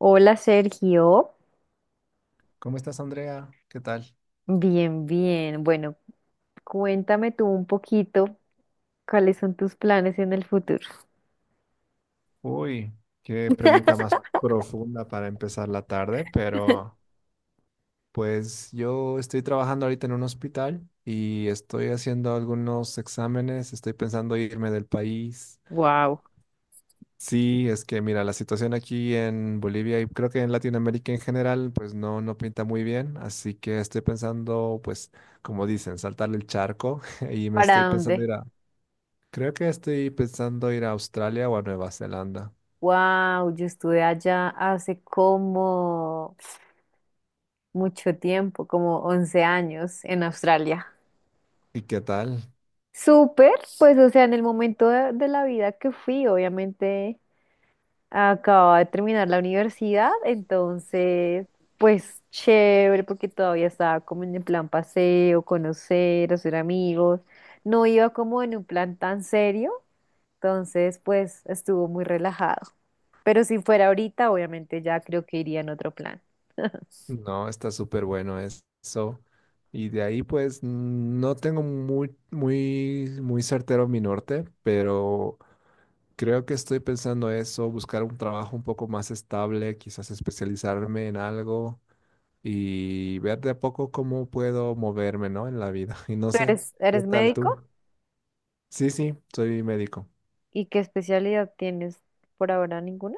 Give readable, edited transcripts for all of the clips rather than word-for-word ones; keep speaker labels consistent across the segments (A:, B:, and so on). A: Hola, Sergio,
B: ¿Cómo estás, Andrea? ¿Qué tal?
A: bien, bien. Bueno, cuéntame tú un poquito cuáles son tus planes en el futuro.
B: Uy, qué pregunta más profunda para empezar la tarde, pero pues yo estoy trabajando ahorita en un hospital y estoy haciendo algunos exámenes, estoy pensando irme del país.
A: Wow.
B: Sí, es que mira, la situación aquí en Bolivia y creo que en Latinoamérica en general, pues no, no pinta muy bien, así que estoy pensando, pues, como dicen, saltar el charco y me
A: ¿Para
B: estoy pensando
A: dónde?
B: ir a, creo que estoy pensando ir a Australia o a Nueva Zelanda.
A: Wow, yo estuve allá hace como mucho tiempo, como 11 años en Australia.
B: ¿Y qué tal?
A: Súper, pues o sea, en el momento de la vida que fui, obviamente acababa de terminar la universidad, entonces, pues chévere, porque todavía estaba como en el plan paseo, conocer, hacer amigos. No iba como en un plan tan serio, entonces, pues estuvo muy relajado. Pero si fuera ahorita, obviamente ya creo que iría en otro plan.
B: No, está súper bueno eso. Y de ahí, pues, no tengo muy certero mi norte, pero creo que estoy pensando eso, buscar un trabajo un poco más estable, quizás especializarme en algo y ver de a poco cómo puedo moverme, ¿no? En la vida. Y no
A: ¿Tú
B: sé,
A: eres,
B: ¿qué
A: eres
B: tal tú?
A: médico?
B: Sí, sí, soy médico.
A: ¿Y qué especialidad tienes por ahora? ¿Ninguna?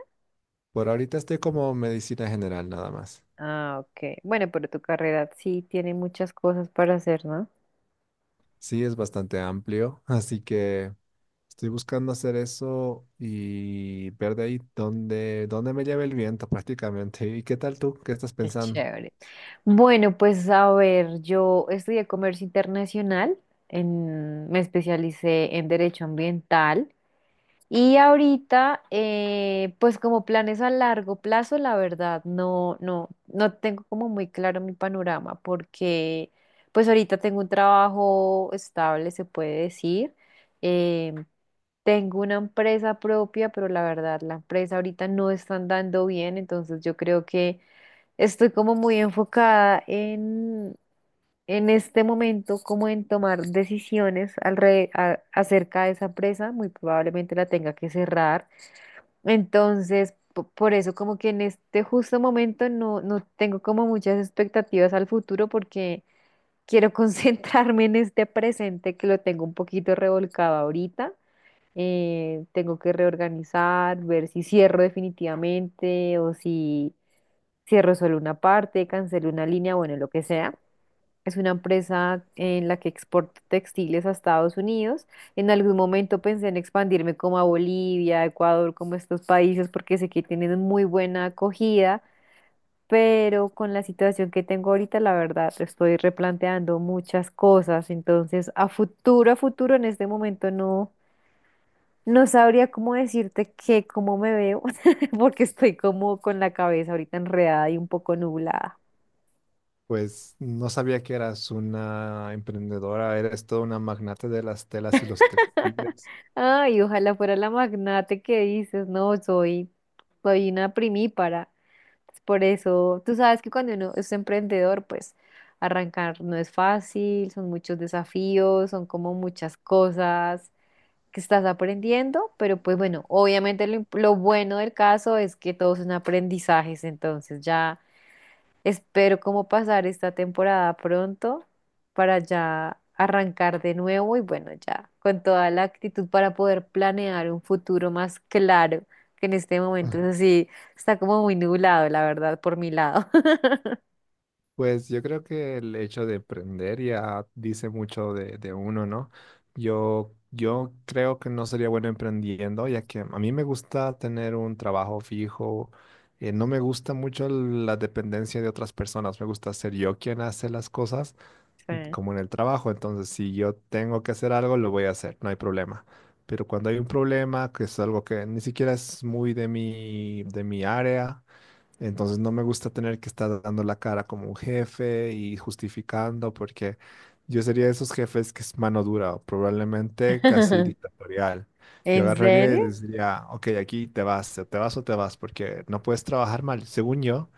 B: Por ahorita estoy como medicina general nada más.
A: Ah, ok. Bueno, pero tu carrera sí tiene muchas cosas para hacer, ¿no?
B: Sí, es bastante amplio, así que... Estoy buscando hacer eso y ver de ahí dónde me lleva el viento prácticamente. ¿Y qué tal tú? ¿Qué estás
A: Qué
B: pensando?
A: chévere. Bueno, pues a ver, yo estudié comercio internacional, me especialicé en derecho ambiental y ahorita, pues como planes a largo plazo, la verdad, no tengo como muy claro mi panorama, porque pues ahorita tengo un trabajo estable, se puede decir. eh, Tengo una empresa propia, pero la verdad, la empresa ahorita no está andando bien, entonces yo creo que estoy como muy enfocada en este momento, como en tomar decisiones acerca de esa empresa. Muy probablemente la tenga que cerrar. Entonces, por eso como que en este justo momento no, no tengo como muchas expectativas al futuro, porque quiero concentrarme en este presente, que lo tengo un poquito revolcado ahorita. Tengo que reorganizar, ver si cierro definitivamente o si cierro solo una parte, cancelo una línea, bueno, lo que sea. Es una empresa en la que exporto textiles a Estados Unidos. En algún momento pensé en expandirme como a Bolivia, Ecuador, como estos países, porque sé que tienen muy buena acogida, pero con la situación que tengo ahorita, la verdad, estoy replanteando muchas cosas. Entonces, a futuro, en este momento no. No sabría cómo decirte que cómo me veo, porque estoy como con la cabeza ahorita enredada y un poco nublada.
B: Pues no sabía que eras una emprendedora, eres toda una magnate de las telas y los textiles.
A: Ay, ojalá fuera la magnate que dices, no, soy, soy una primípara. Es por eso, tú sabes que cuando uno es emprendedor, pues arrancar no es fácil, son muchos desafíos, son como muchas cosas que estás aprendiendo, pero pues bueno, obviamente lo, lo bueno del caso es que todos son aprendizajes, entonces ya espero como pasar esta temporada pronto para ya arrancar de nuevo y bueno, ya con toda la actitud para poder planear un futuro más claro, que en este momento es así, está como muy nublado, la verdad, por mi lado.
B: Pues yo creo que el hecho de aprender ya dice mucho de uno, ¿no? Yo creo que no sería bueno emprendiendo, ya que a mí me gusta tener un trabajo fijo. No me gusta mucho la dependencia de otras personas. Me gusta ser yo quien hace las cosas,
A: Sí.
B: como en el trabajo. Entonces, si yo tengo que hacer algo, lo voy a hacer, no hay problema. Pero cuando hay un problema, que es algo que ni siquiera es muy de mi área. Entonces no me gusta tener que estar dando la cara como un jefe y justificando porque yo sería de esos jefes que es mano dura, probablemente casi dictatorial. Yo
A: ¿En
B: agarraría y
A: serio?
B: les diría, ok, aquí te vas, o te vas o te vas, porque no puedes trabajar mal. Según yo,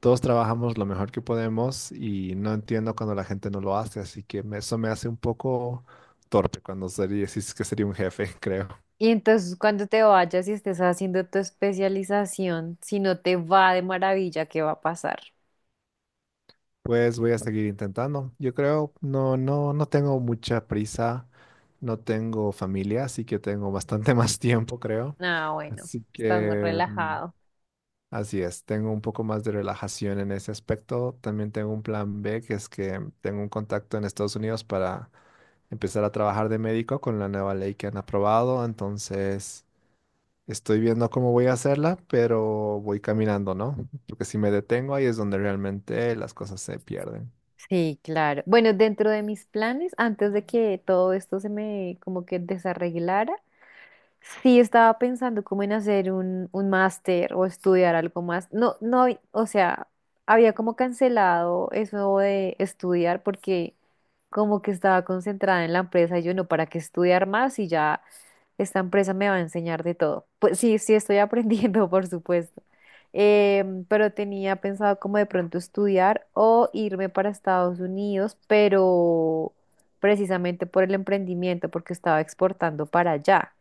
B: todos trabajamos lo mejor que podemos y no entiendo cuando la gente no lo hace, así que eso me hace un poco torpe cuando sería, si es que sería un jefe, creo.
A: Y entonces cuando te vayas y estés haciendo tu especialización, si no te va de maravilla, ¿qué va a pasar?
B: Pues voy a seguir intentando. Yo creo, no, no tengo mucha prisa, no tengo familia, así que tengo bastante más tiempo, creo.
A: Ah, bueno,
B: Así
A: estás más
B: que, mm,
A: relajado.
B: así es, tengo un poco más de relajación en ese aspecto. También tengo un plan B, que es que tengo un contacto en Estados Unidos para empezar a trabajar de médico con la nueva ley que han aprobado. Entonces, estoy viendo cómo voy a hacerla, pero voy caminando, ¿no? Porque si me detengo ahí es donde realmente las cosas se pierden.
A: Sí, claro. Bueno, dentro de mis planes, antes de que todo esto se me como que desarreglara, sí, estaba pensando como en hacer un máster o estudiar algo más. No, no, o sea, había como cancelado eso de estudiar, porque como que estaba concentrada en la empresa y yo no, ¿para qué estudiar más? Y ya esta empresa me va a enseñar de todo. Pues sí, sí estoy aprendiendo, por supuesto. Pero tenía pensado como de pronto estudiar o irme para Estados Unidos, pero precisamente por el emprendimiento, porque estaba exportando para allá.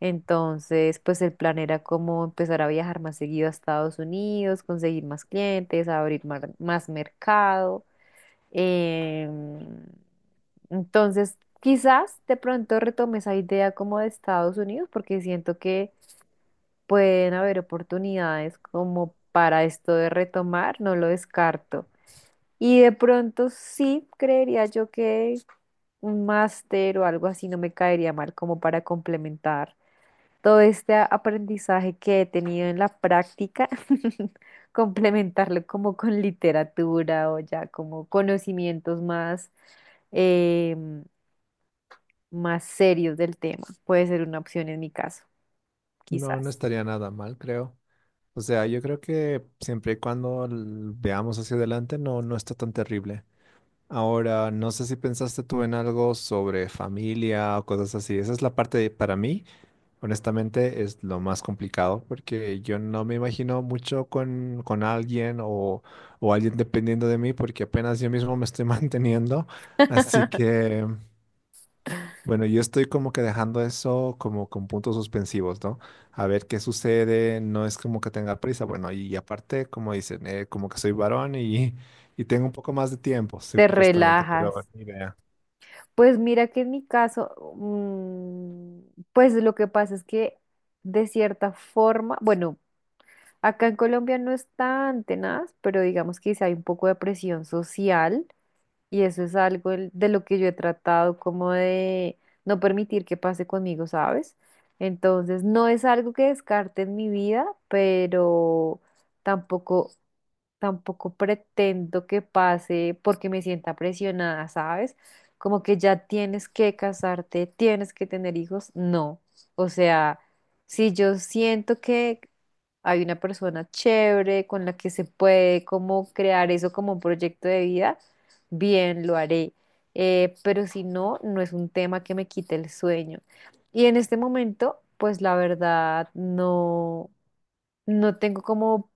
A: Entonces, pues el plan era como empezar a viajar más seguido a Estados Unidos, conseguir más clientes, abrir más mercado. Em, entonces, quizás de pronto retome esa idea como de Estados Unidos, porque siento que pueden haber oportunidades como para esto de retomar, no lo descarto. Y de pronto sí creería yo que un máster o algo así no me caería mal como para complementar todo este aprendizaje que he tenido en la práctica, complementarlo como con literatura o ya como conocimientos más, em, más serios del tema. Puede ser una opción en mi caso,
B: No, no
A: quizás.
B: estaría nada mal, creo. O sea, yo creo que siempre y cuando veamos hacia adelante, no, no está tan terrible. Ahora, no sé si pensaste tú en algo sobre familia o cosas así. Esa es la parte para mí, honestamente, es lo más complicado porque yo no me imagino mucho con alguien o alguien dependiendo de mí porque apenas yo mismo me estoy manteniendo. Así que... Bueno, yo estoy como que dejando eso como con puntos suspensivos, ¿no? A ver qué sucede, no es como que tenga prisa, bueno, y aparte, como dicen, como que soy varón y, y tengo un poco más de tiempo,
A: Te
B: supuestamente, pero
A: relajas.
B: ni idea.
A: Pues mira que en mi caso, pues lo que pasa es que de cierta forma, bueno, acá en Colombia no es tan tenaz, pero digamos que sí hay un poco de presión social. Y eso es algo de lo que yo he tratado como de no permitir que pase conmigo, ¿sabes? Entonces, no es algo que descarte en mi vida, pero tampoco tampoco pretendo que pase porque me sienta presionada, ¿sabes? Como que ya tienes que casarte, tienes que tener hijos, no. O sea, si yo siento que hay una persona chévere con la que se puede como crear eso como un proyecto de vida, bien, lo haré. Pero si no, no es un tema que me quite el sueño. Y en este momento, pues la verdad, no, no tengo como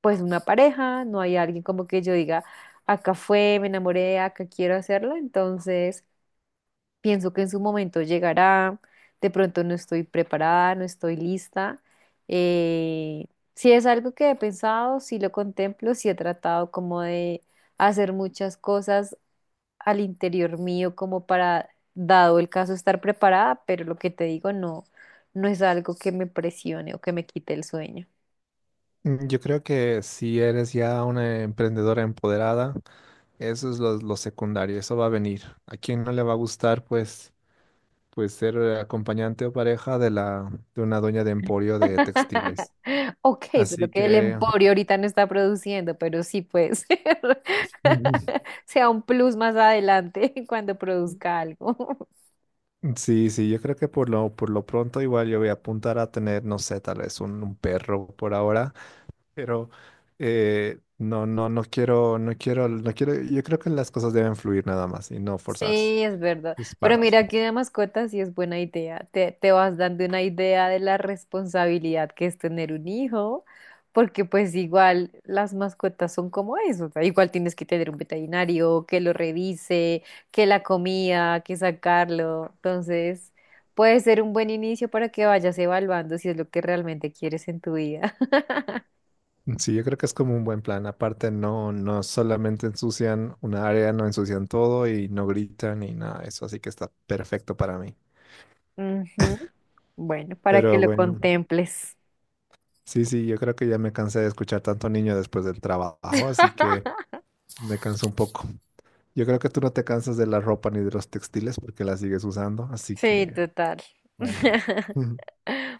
A: pues una pareja, no hay alguien como que yo diga, acá fue, me enamoré, acá quiero hacerlo, entonces pienso que en su momento llegará, de pronto no estoy preparada, no estoy lista. eh, si es algo que he pensado, si lo contemplo, si he tratado como de hacer muchas cosas al interior mío como para, dado el caso, estar preparada, pero lo que te digo, no, no es algo que me presione o que me quite el sueño.
B: Mm, yo creo que si eres ya una emprendedora empoderada, eso es lo secundario, eso va a venir. ¿A quién no le va a gustar, pues, pues ser acompañante o pareja de de una dueña de emporio de textiles?
A: Ok, solo
B: Así
A: que el
B: que
A: emporio ahorita no está produciendo, pero sí puede ser. Sea un plus más adelante cuando produzca algo.
B: Sí, sí, yo creo que por lo pronto igual yo voy a apuntar a tener, no sé, tal vez un perro por ahora, pero no, no quiero, no quiero, no quiero, yo creo que las cosas deben fluir nada más y no forzarse.
A: Sí, es verdad.
B: Es
A: Pero
B: parte.
A: mira que de mascotas sí es buena idea. Te vas dando una idea de la responsabilidad que es tener un hijo, porque pues igual las mascotas son como eso. O sea, igual tienes que tener un veterinario que lo revise, que la comida, que sacarlo. Entonces, puede ser un buen inicio para que vayas evaluando si es lo que realmente quieres en tu vida.
B: Sí, yo creo que es como un buen plan. Aparte, no, no solamente ensucian una área, no ensucian todo y no gritan y nada, de eso así que está perfecto para mí.
A: Ujú. Bueno, para que
B: Pero
A: lo
B: bueno,
A: contemples.
B: sí, sí, yo creo que ya me cansé de escuchar tanto niño después del trabajo, así que me canso un poco. Yo creo que tú no te cansas de la ropa ni de los textiles porque la sigues usando, así
A: Sí,
B: que
A: total.
B: bueno.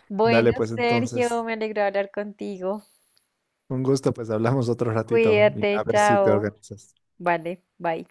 A: Bueno,
B: Dale pues
A: Sergio,
B: entonces.
A: me alegro de hablar contigo.
B: Un gusto, pues hablamos otro ratito y a
A: Cuídate,
B: ver si te
A: chao.
B: organizas.
A: Vale, bye.